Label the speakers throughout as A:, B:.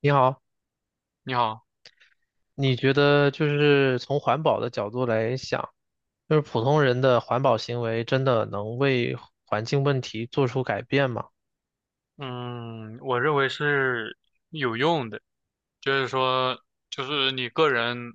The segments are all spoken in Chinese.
A: 你好，
B: 你好。
A: 你觉得从环保的角度来想，普通人的环保行为真的能为环境问题做出改变吗？
B: 嗯，我认为是有用的，就是说，就是你个人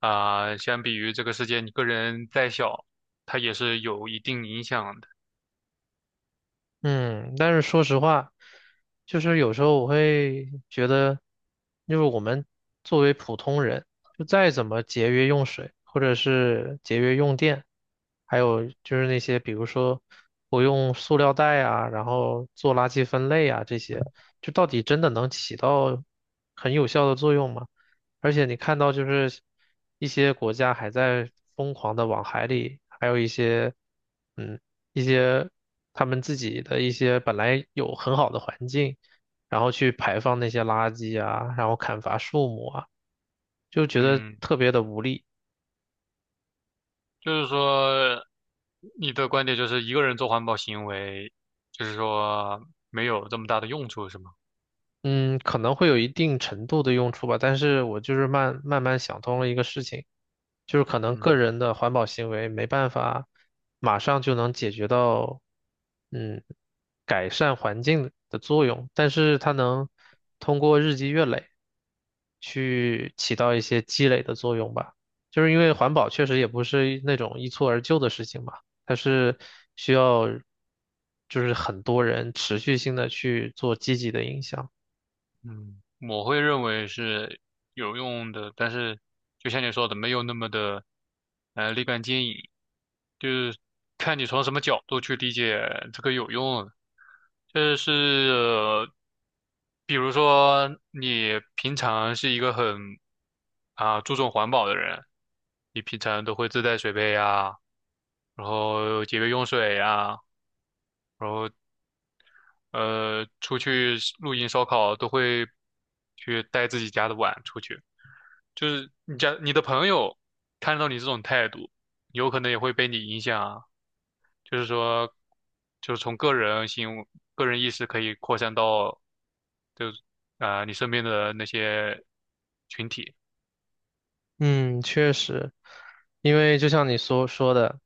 B: 啊、相比于这个世界，你个人再小，它也是有一定影响的。
A: 嗯，但是说实话，就是有时候我会觉得，我们作为普通人，就再怎么节约用水，或者是节约用电，还有就是那些比如说不用塑料袋啊，然后做垃圾分类啊这些，就到底真的能起到很有效的作用吗？而且你看到一些国家还在疯狂的往海里，还有一些嗯一些他们自己的一些本来有很好的环境，然后去排放那些垃圾啊，然后砍伐树木啊，就觉得
B: 嗯，
A: 特别的无力。
B: 就是说，你的观点就是一个人做环保行为，就是说没有这么大的用处，是吗？
A: 嗯，可能会有一定程度的用处吧，但是我就是慢慢想通了一个事情，就是可能个
B: 嗯。
A: 人的环保行为没办法马上就能解决到，嗯，改善环境的作用，但是它能通过日积月累去起到一些积累的作用吧。就是因为环保确实也不是那种一蹴而就的事情嘛，它是需要很多人持续性的去做积极的影响。
B: 嗯，我会认为是有用的，但是就像你说的，没有那么的立竿见影，就是看你从什么角度去理解这个有用了就是、呃比如说你平常是一个很啊注重环保的人，你平常都会自带水杯呀，然后节约用水呀，出去露营烧烤都会去带自己家的碗出去。就是你的朋友看到你这种态度，有可能也会被你影响啊。就是说，就是从个人行为、个人意识可以扩散到，就是啊、你身边的那些群体。
A: 嗯，确实，因为就像你所说的，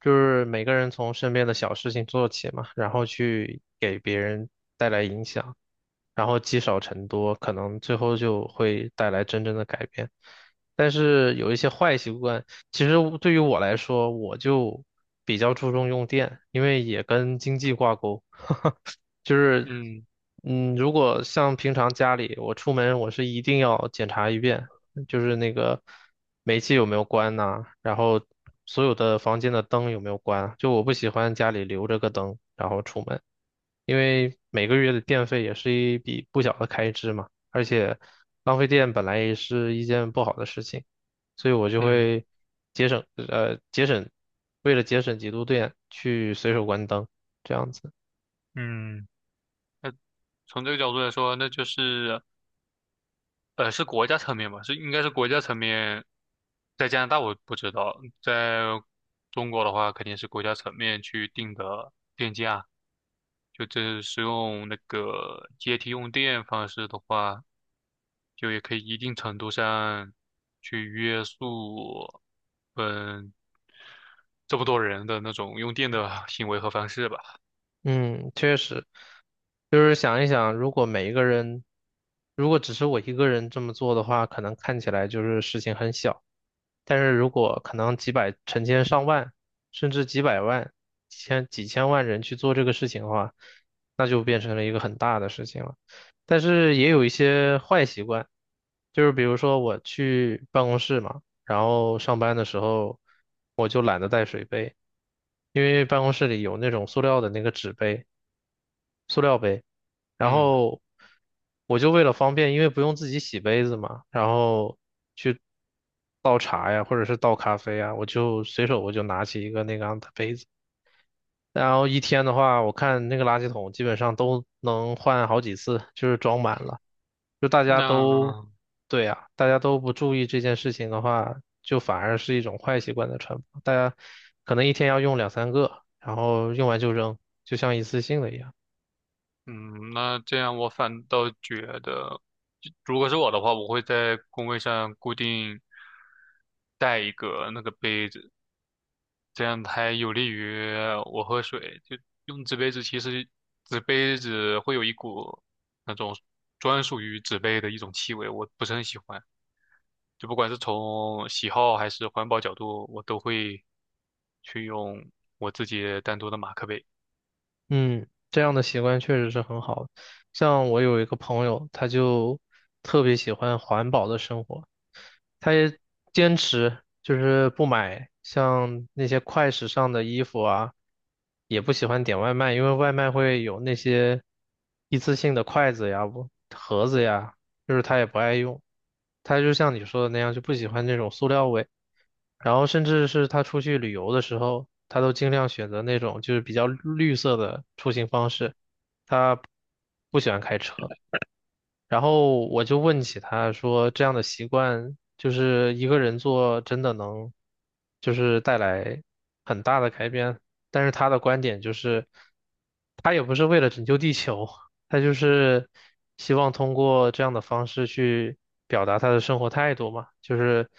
A: 就是每个人从身边的小事情做起嘛，然后去给别人带来影响，然后积少成多，可能最后就会带来真正的改变。但是有一些坏习惯，其实对我来说，我就比较注重用电，因为也跟经济挂钩。就是，
B: 嗯
A: 如果像平常家里，我出门我是一定要检查一遍，就是那个煤气有没有关呐、然后所有的房间的灯有没有关啊，就我不喜欢家里留着个灯，然后出门，因为每个月的电费也是一笔不小的开支嘛，而且浪费电本来也是一件不好的事情，所以我就
B: 嗯
A: 会节省，节省，为了节省几度电去随手关灯，这样子。
B: 嗯，从这个角度来说，那就是是国家层面吧，应该是国家层面。在加拿大我不知道，在中国的话肯定是国家层面去定的电价。就这是用那个阶梯用电方式的话，就也可以一定程度上去约束，嗯，这么多人的那种用电的行为和方式吧。
A: 嗯，确实，就是想一想，如果每一个人，如果只是我一个人这么做的话，可能看起来就是事情很小，但是如果可能几百、成千上万，甚至几百万、几千万人去做这个事情的话，那就变成了一个很大的事情了。但是也有一些坏习惯，就是比如说我去办公室嘛，然后上班的时候我就懒得带水杯，因为办公室里有那种塑料的那个纸杯。塑料杯，然
B: 嗯，
A: 后我就为了方便，因为不用自己洗杯子嘛，然后去倒茶呀，或者是倒咖啡啊，我就随手拿起一个那个样的杯子，然后一天的话，我看那个垃圾桶基本上都能换好几次，就是装满了。就大家都，
B: 那
A: 对呀，大家都不注意这件事情的话，就反而是一种坏习惯的传播。大家可能一天要用两三个，然后用完就扔，就像一次性的一样。
B: 嗯，那这样我反倒觉得，就如果是我的话，我会在工位上固定带一个那个杯子。这样还有利于我喝水。就用纸杯子，其实纸杯子会有一股那种专属于纸杯的一种气味，我不是很喜欢。就不管是从喜好还是环保角度，我都会去用我自己单独的马克杯。
A: 嗯，这样的习惯确实是很好的。像我有一个朋友，他就特别喜欢环保的生活，他也坚持就是不买，像那些快时尚的衣服啊，也不喜欢点外卖，因为外卖会有那些一次性的筷子呀、不盒子呀，就是他也不爱用。他就像你说的那样，就不喜欢那种塑料味。然后甚至是他出去旅游的时候，他都尽量选择那种就是比较绿色的出行方式。他不喜欢开车。然后我就问起他说，这样的习惯就是一个人做，真的能就是带来很大的改变。但是他的观点就是，他也不是为了拯救地球，他就是希望通过这样的方式去表达他的生活态度嘛，就是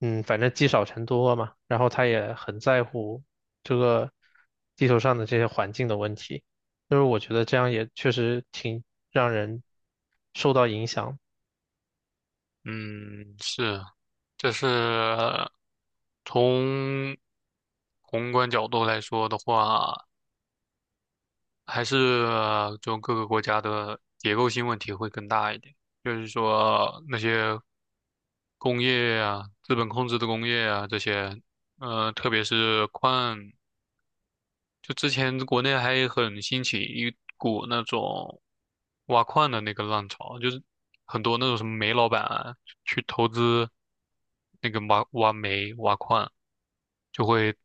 A: 嗯，反正积少成多嘛。然后他也很在乎这个地球上的这些环境的问题。就是我觉得这样也确实挺让人受到影响。
B: 嗯，是，这是从宏观角度来说的话。还是就各个国家的结构性问题会更大一点，就是说那些工业啊、资本控制的工业啊这些，特别是矿，就之前国内还很兴起一股那种挖矿的那个浪潮，就是很多那种什么煤老板啊去投资那个挖煤、挖矿，就会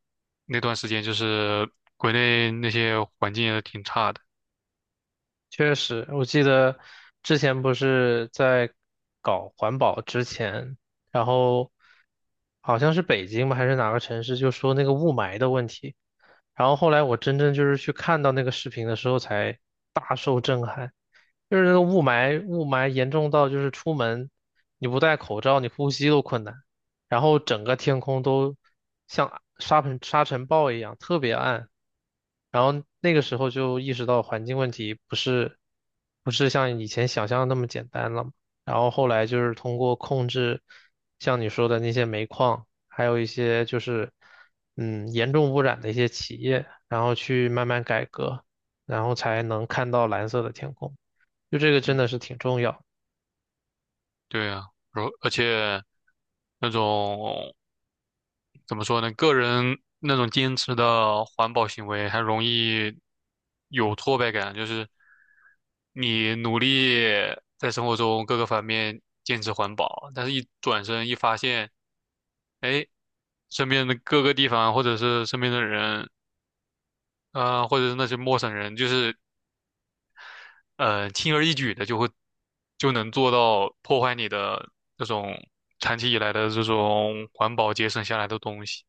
B: 那段时间就是国内那些环境也挺差的。
A: 确实，我记得之前不是在搞环保之前，然后好像是北京吧，还是哪个城市，就说那个雾霾的问题。然后后来我真正就是去看到那个视频的时候，才大受震撼。就是那个雾霾，雾霾严重到就是出门你不戴口罩，你呼吸都困难，然后整个天空都像沙尘暴一样，特别暗。然后那个时候就意识到环境问题不是像以前想象的那么简单了嘛。然后后来就是通过控制，像你说的那些煤矿，还有一些就是严重污染的一些企业，然后去慢慢改革，然后才能看到蓝色的天空。就这个真的是
B: 嗯
A: 挺重要。
B: 对啊，然后而且那种怎么说呢，个人那种坚持的环保行为，还容易有挫败感，就是你努力在生活中各个方面坚持环保，但是一转身一发现，哎，身边的各个地方，或者是身边的人，啊、或者是那些陌生人，就是轻而易举的就能做到破坏你的这种长期以来的这种环保节省下来的东西。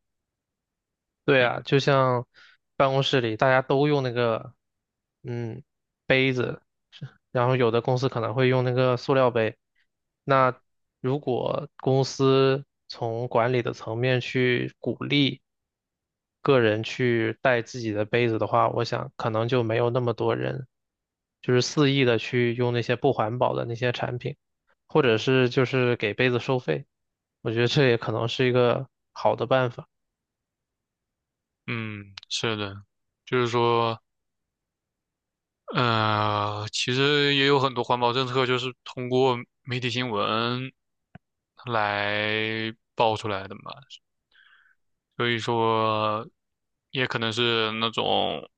A: 对
B: 就
A: 啊，就像办公室里大家都用那个嗯杯子，然后有的公司可能会用那个塑料杯。那如果公司从管理的层面去鼓励个人去带自己的杯子的话，我想可能就没有那么多人就是肆意的去用那些不环保的那些产品，或者是就是给杯子收费。我觉得这也可能是一个好的办法。
B: 嗯，是的，就是说，其实也有很多环保政策就是通过媒体新闻来爆出来的嘛，所以说，也可能是那种，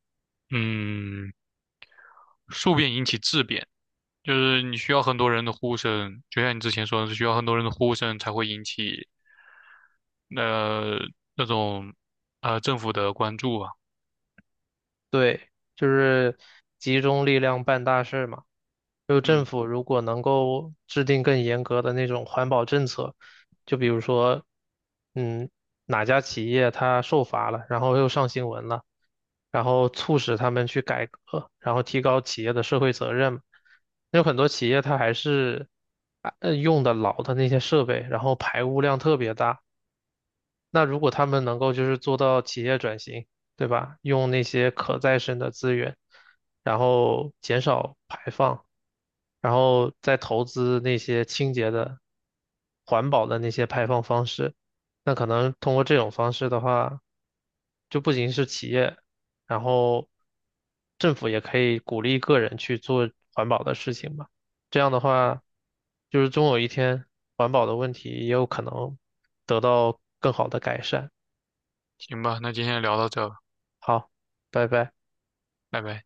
B: 嗯，数变引起质变，就是你需要很多人的呼声，就像你之前说的是需要很多人的呼声才会引起，那那种，政府的关注吧。
A: 对，就是集中力量办大事嘛。就政
B: 嗯，
A: 府如果能够制定更严格的那种环保政策，就比如说，嗯，哪家企业它受罚了，然后又上新闻了，然后促使他们去改革，然后提高企业的社会责任。有很多企业它还是用的老的那些设备，然后排污量特别大。那如果他们能够就是做到企业转型，对吧？用那些可再生的资源，然后减少排放，然后再投资那些清洁的、环保的那些排放方式，那可能通过这种方式的话，就不仅是企业，然后政府也可以鼓励个人去做环保的事情吧。这样的话，就是终有一天，环保的问题也有可能得到更好的改善。
B: 行吧，那今天聊到这儿
A: 好，拜拜。
B: 拜拜。